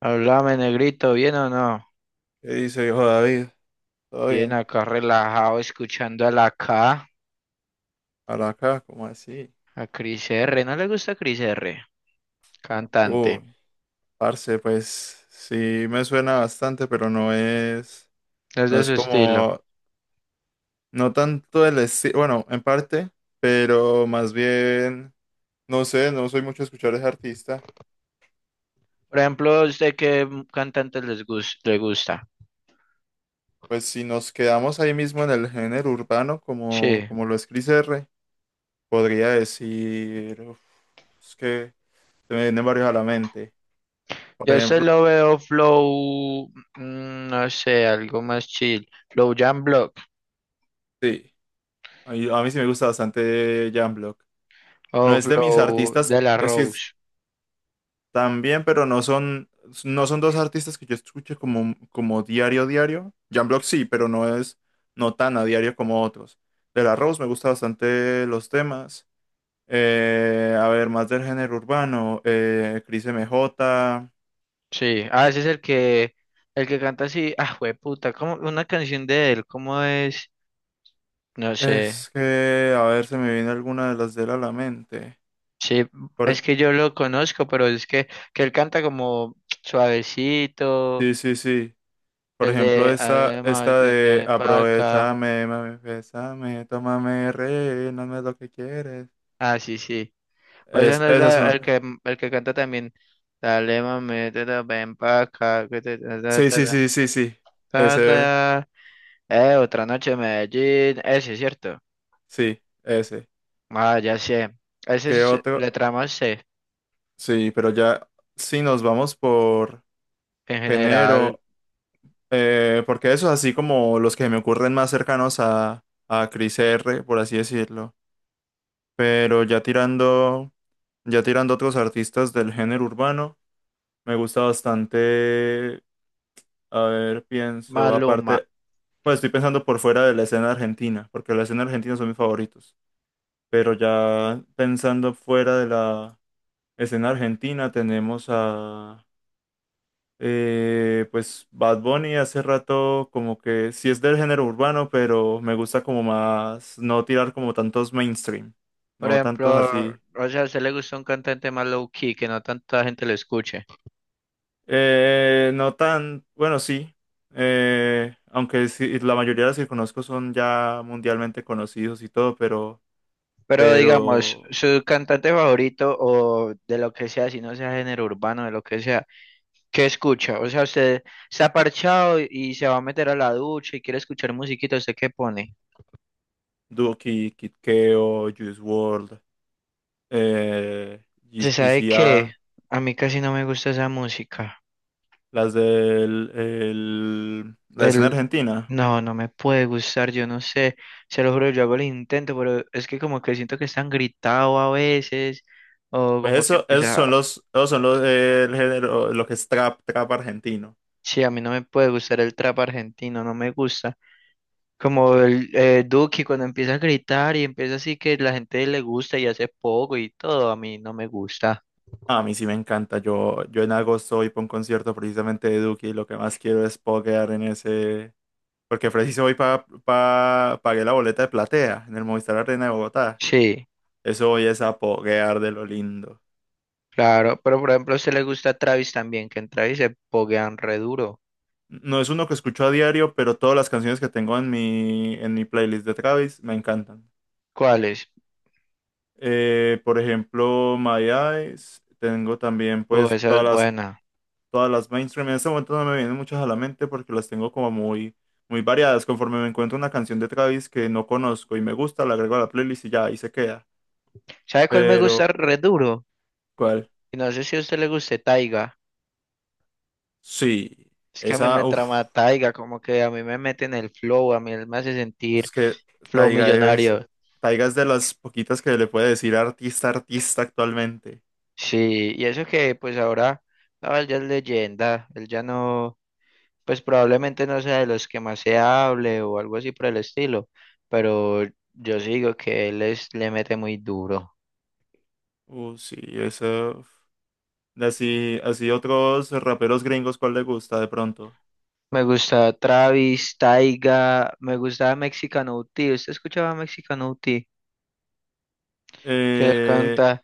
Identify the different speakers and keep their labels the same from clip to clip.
Speaker 1: Háblame, negrito, ¿bien o no?
Speaker 2: ¿Qué dice viejo David? ¿Todo
Speaker 1: Bien
Speaker 2: bien?
Speaker 1: acá relajado, escuchando a la K,
Speaker 2: Ahora acá, ¿cómo así?
Speaker 1: a Cris R. ¿No le gusta Cris R?
Speaker 2: Uy,
Speaker 1: Cantante,
Speaker 2: parce, pues sí me suena bastante, pero no es,
Speaker 1: es
Speaker 2: no
Speaker 1: de
Speaker 2: es
Speaker 1: su estilo.
Speaker 2: como, no tanto el estilo, bueno, en parte, pero más bien, no sé, no soy mucho de escuchar a ese artista.
Speaker 1: Por ejemplo, ¿a ¿usted qué m- cantante les gus- le gusta?
Speaker 2: Pues si nos quedamos ahí mismo en el género urbano, como,
Speaker 1: Sí,
Speaker 2: como lo es Cris R, podría decir, es que se me vienen varios a la mente. Por
Speaker 1: yo se
Speaker 2: ejemplo,
Speaker 1: lo veo flow, no sé, algo más chill. Flow Jam Block
Speaker 2: sí, a mí sí me gusta bastante Jan. No
Speaker 1: o
Speaker 2: es de mis
Speaker 1: Flow
Speaker 2: artistas,
Speaker 1: de la Rose.
Speaker 2: también, pero no son dos artistas que yo escuche como diario, diario. Jan Block sí, pero no tan a diario como otros. De la Rose me gusta bastante los temas. A ver, más del género urbano. Cris MJ.
Speaker 1: Sí, ah, ese es el que canta así, ah, puta, como una canción de él, ¿cómo es? No sé.
Speaker 2: Es que, a ver, se me viene alguna de las de él a la mente.
Speaker 1: Sí,
Speaker 2: Por-
Speaker 1: es que yo lo conozco, pero que él canta como suavecito,
Speaker 2: sí, sí, sí. Por
Speaker 1: el
Speaker 2: ejemplo,
Speaker 1: de
Speaker 2: esta,
Speaker 1: además
Speaker 2: esta
Speaker 1: el
Speaker 2: de
Speaker 1: de Paca.
Speaker 2: aprovechame, mami, bésame, tómame, rey, no me lo que quieres.
Speaker 1: Ah, sí, sí. O sea, no es
Speaker 2: Esas
Speaker 1: la-
Speaker 2: son.
Speaker 1: el que canta también. Dale, mami, te da ven paca. Que ta, ta,
Speaker 2: Sí,
Speaker 1: ta,
Speaker 2: sí, sí, sí, sí.
Speaker 1: ta,
Speaker 2: Ese,
Speaker 1: ta. Otra noche en Medellín. Ese es cierto.
Speaker 2: sí, ese.
Speaker 1: Ah, ya sé. Ese
Speaker 2: ¿Qué
Speaker 1: es
Speaker 2: otro?
Speaker 1: letra más C.
Speaker 2: Sí, pero ya, si nos vamos por
Speaker 1: En general,
Speaker 2: género, porque esos así como los que me ocurren más cercanos a Cris R, por así decirlo. Pero ya tirando otros artistas del género urbano, me gusta bastante. A ver, pienso,
Speaker 1: Maluma.
Speaker 2: aparte, pues estoy pensando por fuera de la escena argentina, porque la escena argentina son mis favoritos. Pero ya pensando fuera de la escena argentina, tenemos a, pues, Bad Bunny hace rato, como que sí es del género urbano, pero me gusta como más no tirar como tantos mainstream,
Speaker 1: Por
Speaker 2: no tantos
Speaker 1: ejemplo,
Speaker 2: así.
Speaker 1: o sea, a usted le gusta un cantante más low key, que no tanta gente lo escuche.
Speaker 2: No tan, bueno, sí. Aunque sí, la mayoría de los que conozco son ya mundialmente conocidos y todo, pero
Speaker 1: Pero digamos,
Speaker 2: pero
Speaker 1: su cantante favorito o de lo que sea, si no sea género urbano, de lo que sea, ¿qué escucha? O sea, usted se ha parchado y se va a meter a la ducha y quiere escuchar musiquita, ¿usted qué pone?
Speaker 2: Duki, Kid Keo, Juice WRLD, eh,
Speaker 1: ¿Se sabe qué?
Speaker 2: ECA,
Speaker 1: A mí casi no me gusta esa música.
Speaker 2: las la escena
Speaker 1: El-
Speaker 2: argentina.
Speaker 1: No, no me puede gustar, yo no sé, se lo juro, yo hago el intento, pero es que como que siento que están gritado a veces, o
Speaker 2: Pues
Speaker 1: como que
Speaker 2: eso,
Speaker 1: empieza,
Speaker 2: esos son los el género, lo que es trap, trap argentino.
Speaker 1: sí, a mí no me puede gustar el trap argentino, no me gusta. Como el Duki cuando empieza a gritar y empieza así que la gente le gusta y hace poco y todo, a mí no me gusta.
Speaker 2: A mí sí me encanta. Yo en agosto voy para un concierto precisamente de Duki y lo que más quiero es poguear en ese. Porque preciso voy para pagué la boleta de platea en el Movistar Arena de Bogotá.
Speaker 1: Sí,
Speaker 2: Eso hoy es a poguear de lo lindo.
Speaker 1: claro, pero por ejemplo a usted le gusta Travis también, que en Travis se poguean re duro.
Speaker 2: No es uno que escucho a diario, pero todas las canciones que tengo en mi playlist de Travis me encantan.
Speaker 1: ¿Cuáles?
Speaker 2: Por ejemplo, My Eyes, tengo también
Speaker 1: Oh,
Speaker 2: pues
Speaker 1: esa es buena.
Speaker 2: todas las mainstream. En este momento no me vienen muchas a la mente porque las tengo como muy, muy variadas. Conforme me encuentro una canción de Travis que no conozco y me gusta, la agrego a la playlist y ya ahí se queda.
Speaker 1: ¿Sabe cuál me gusta
Speaker 2: Pero,
Speaker 1: re duro?
Speaker 2: ¿cuál?
Speaker 1: Y no sé si a usted le guste Taiga.
Speaker 2: Sí,
Speaker 1: Es que a mí
Speaker 2: esa,
Speaker 1: me trama Taiga, como que a mí me mete en el flow, a mí él me hace sentir
Speaker 2: es que
Speaker 1: flow
Speaker 2: Taiga es,
Speaker 1: millonario.
Speaker 2: Taiga es de las poquitas que le puede decir artista, artista actualmente.
Speaker 1: Sí, y eso que pues ahora, no, él ya es leyenda, él ya no. Pues probablemente no sea de los que más se hable o algo así por el estilo, pero yo sí digo que le mete muy duro.
Speaker 2: Sí, eso. De así, así otros raperos gringos, ¿cuál le gusta de pronto?
Speaker 1: Me gusta Travis, Taiga, me gustaba Mexicano UT. ¿Usted escuchaba Mexicano UT? Que él
Speaker 2: Eh,
Speaker 1: canta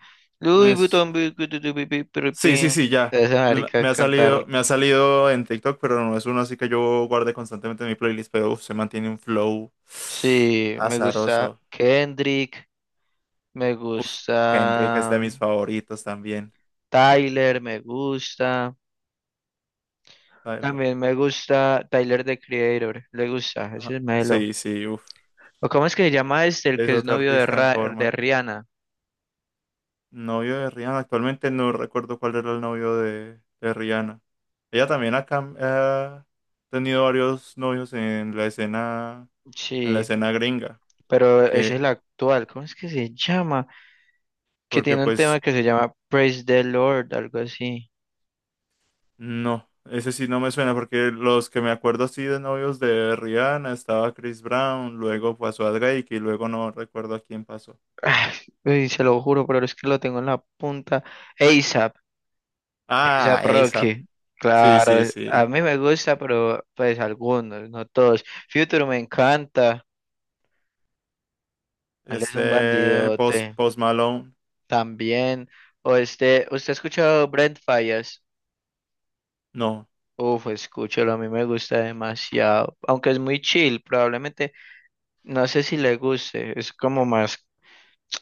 Speaker 2: me
Speaker 1: Louis
Speaker 2: s-
Speaker 1: Vuitton,
Speaker 2: Sí, sí,
Speaker 1: bi".
Speaker 2: sí, ya.
Speaker 1: Esa marica cantar.
Speaker 2: Me ha salido en TikTok, pero no es uno así que yo guarde constantemente en mi playlist, pero se mantiene un flow
Speaker 1: Sí, me gusta
Speaker 2: azaroso.
Speaker 1: Kendrick, me
Speaker 2: Uf, Kendrick es de
Speaker 1: gusta
Speaker 2: mis favoritos también.
Speaker 1: Tyler, me gusta.
Speaker 2: Tyler.
Speaker 1: También me gusta Tyler, the Creator. Le gusta, ese
Speaker 2: Ajá.
Speaker 1: es Melo.
Speaker 2: Sí, sí, uf.
Speaker 1: ¿O cómo es que se llama este, el que
Speaker 2: Es
Speaker 1: es
Speaker 2: otro
Speaker 1: novio de,
Speaker 2: artista en
Speaker 1: de
Speaker 2: forma.
Speaker 1: Rihanna?
Speaker 2: Novio de Rihanna, actualmente no recuerdo cuál era el novio de Rihanna. Ella también ha tenido varios novios en la
Speaker 1: Sí,
Speaker 2: escena gringa,
Speaker 1: pero ese es
Speaker 2: que,
Speaker 1: el actual. ¿Cómo es que se llama? Que
Speaker 2: porque
Speaker 1: tiene un tema
Speaker 2: pues
Speaker 1: que se llama Praise the Lord, algo así.
Speaker 2: no, ese sí no me suena, porque los que me acuerdo así de novios de Rihanna estaba Chris Brown, luego pasó a Drake y luego no recuerdo a quién pasó.
Speaker 1: Ah, uy, se lo juro, pero es que lo tengo en la punta. ASAP, ASAP
Speaker 2: Ah, ASAP.
Speaker 1: Rocky.
Speaker 2: Sí, sí,
Speaker 1: Claro, a
Speaker 2: sí.
Speaker 1: mí me gusta, pero pues algunos, no todos. Future me encanta. Él es un
Speaker 2: Este,
Speaker 1: bandidote.
Speaker 2: Post Malone.
Speaker 1: También, o este, ¿usted ha escuchado Brent Fallas?
Speaker 2: No,
Speaker 1: Uf, escúchalo, a mí me gusta demasiado, aunque es muy chill, probablemente, no sé si le guste, es como más,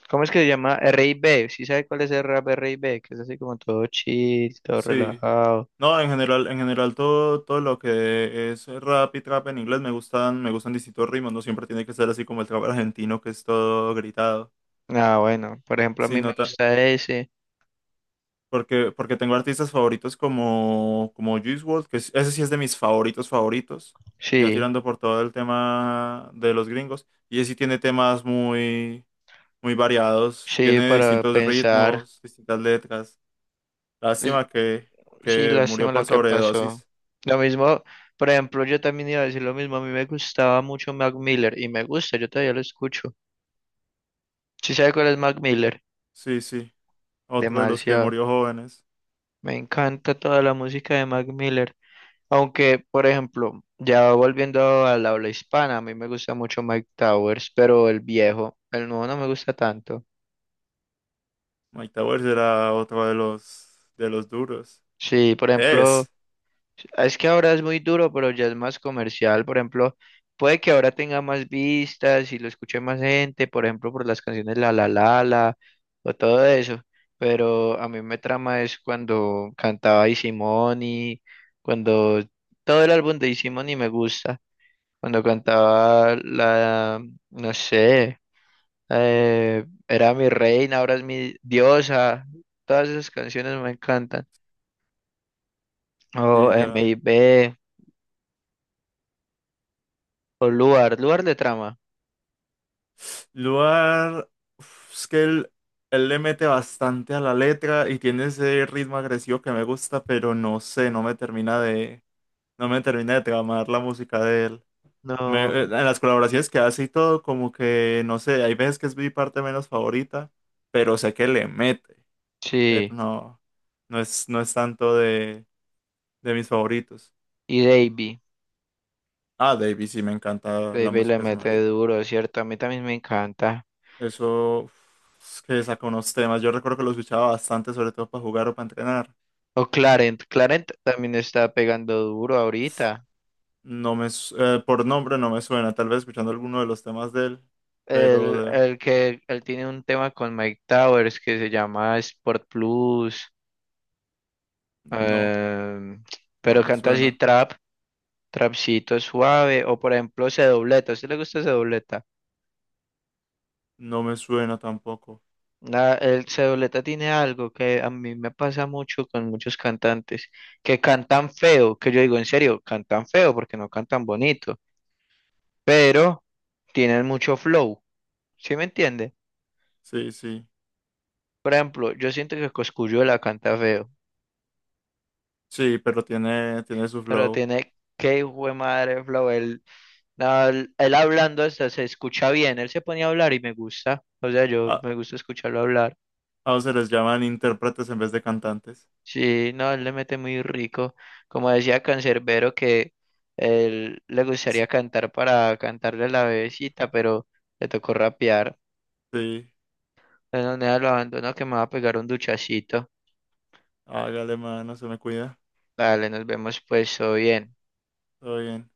Speaker 1: ¿cómo es que se llama? R&B, ¿sí sabe cuál es el rap R&B? Que es así como todo chill, todo
Speaker 2: sí.
Speaker 1: relajado.
Speaker 2: No, en general todo, todo lo que es rap y trap en inglés me gustan distintos ritmos, no siempre tiene que ser así como el trap argentino que es todo gritado.
Speaker 1: Ah, bueno, por ejemplo, a
Speaker 2: Sí,
Speaker 1: mí me
Speaker 2: nota,
Speaker 1: gusta ese,
Speaker 2: porque tengo artistas favoritos como Juice WRLD, ese sí es de mis favoritos favoritos, ya
Speaker 1: sí,
Speaker 2: tirando por todo el tema de los gringos, y ese sí tiene temas muy, muy variados,
Speaker 1: sí,
Speaker 2: tiene
Speaker 1: para
Speaker 2: distintos
Speaker 1: pensar.
Speaker 2: ritmos, distintas letras.
Speaker 1: Pues,
Speaker 2: Lástima
Speaker 1: sí,
Speaker 2: que murió
Speaker 1: lástima lo
Speaker 2: por
Speaker 1: que pasó.
Speaker 2: sobredosis.
Speaker 1: Lo mismo, por ejemplo, yo también iba a decir lo mismo. A mí me gustaba mucho Mac Miller y me gusta, yo todavía lo escucho. ¿Sí sabe cuál es Mac Miller?
Speaker 2: Sí, sí, otro de los que
Speaker 1: Demasiado.
Speaker 2: murió jóvenes.
Speaker 1: Me encanta toda la música de Mac Miller. Aunque, por ejemplo, ya volviendo al habla hispana, a mí me gusta mucho Mike Towers, pero el viejo, el nuevo no me gusta tanto.
Speaker 2: Mike Towers era otro de los duros.
Speaker 1: Sí, por ejemplo.
Speaker 2: Es,
Speaker 1: Es que ahora es muy duro, pero ya es más comercial. Por ejemplo, puede que ahora tenga más vistas y lo escuche más gente, por ejemplo, por las canciones La La La La o todo eso. Pero a mí me trama es cuando cantaba Easy Money, cuando todo el álbum de Easy Money me gusta. Cuando cantaba la, no sé, era mi reina, ahora es mi diosa. Todas esas canciones me encantan. O
Speaker 2: y ya.
Speaker 1: MIB, o Luar, Luar de trama.
Speaker 2: Lugar, es que él le mete bastante a la letra y tiene ese ritmo agresivo que me gusta, pero no sé, no me termina de tramar la música de él.
Speaker 1: No,
Speaker 2: En las colaboraciones que hace y todo, como que, no sé, hay veces que es mi parte menos favorita, pero sé que le mete, pero
Speaker 1: sí.
Speaker 2: no es tanto de mis favoritos.
Speaker 1: Y Davey.
Speaker 2: Ah, Davey, sí, me encanta la
Speaker 1: Davey le
Speaker 2: música de ese
Speaker 1: mete
Speaker 2: marica.
Speaker 1: duro, ¿cierto? A mí también me encanta.
Speaker 2: Eso, es que saca unos temas. Yo recuerdo que lo escuchaba bastante, sobre todo para jugar o para entrenar.
Speaker 1: O Clarent. Clarent también está pegando duro ahorita.
Speaker 2: No me, su- por nombre no me suena, tal vez escuchando alguno de los temas de él, pero
Speaker 1: El,
Speaker 2: de-
Speaker 1: el que él tiene un tema con Mike Towers que se llama Sport Plus.
Speaker 2: no,
Speaker 1: em,
Speaker 2: no
Speaker 1: pero
Speaker 2: me
Speaker 1: canta así
Speaker 2: suena.
Speaker 1: trap, trapcito suave. O por ejemplo, C dobleta. ¿A usted le gusta C dobleta?
Speaker 2: No me suena tampoco.
Speaker 1: El Cedoleta tiene algo que a mí me pasa mucho con muchos cantantes, que cantan feo, que yo digo en serio, cantan feo porque no cantan bonito, pero tienen mucho flow, ¿sí me entiende?
Speaker 2: Sí, sí,
Speaker 1: Por ejemplo, yo siento que Cosculluela canta feo,
Speaker 2: sí, pero tiene su
Speaker 1: pero
Speaker 2: flow.
Speaker 1: tiene qué hijo de madre flow, él, no, él hablando hasta se escucha bien, él se ponía a hablar y me gusta, o sea, yo
Speaker 2: A,
Speaker 1: me gusta escucharlo hablar.
Speaker 2: a se les llaman intérpretes en vez de cantantes.
Speaker 1: Sí, no, él le mete muy rico. Como decía Cancerbero que él le gustaría cantar para cantarle a la bebecita, pero le tocó rapear.
Speaker 2: Sí,
Speaker 1: Bueno, nada, lo abandono que me va a pegar un duchacito.
Speaker 2: hágale, mano, se me cuida.
Speaker 1: Vale, nos vemos pues, todo bien.
Speaker 2: Todo bien.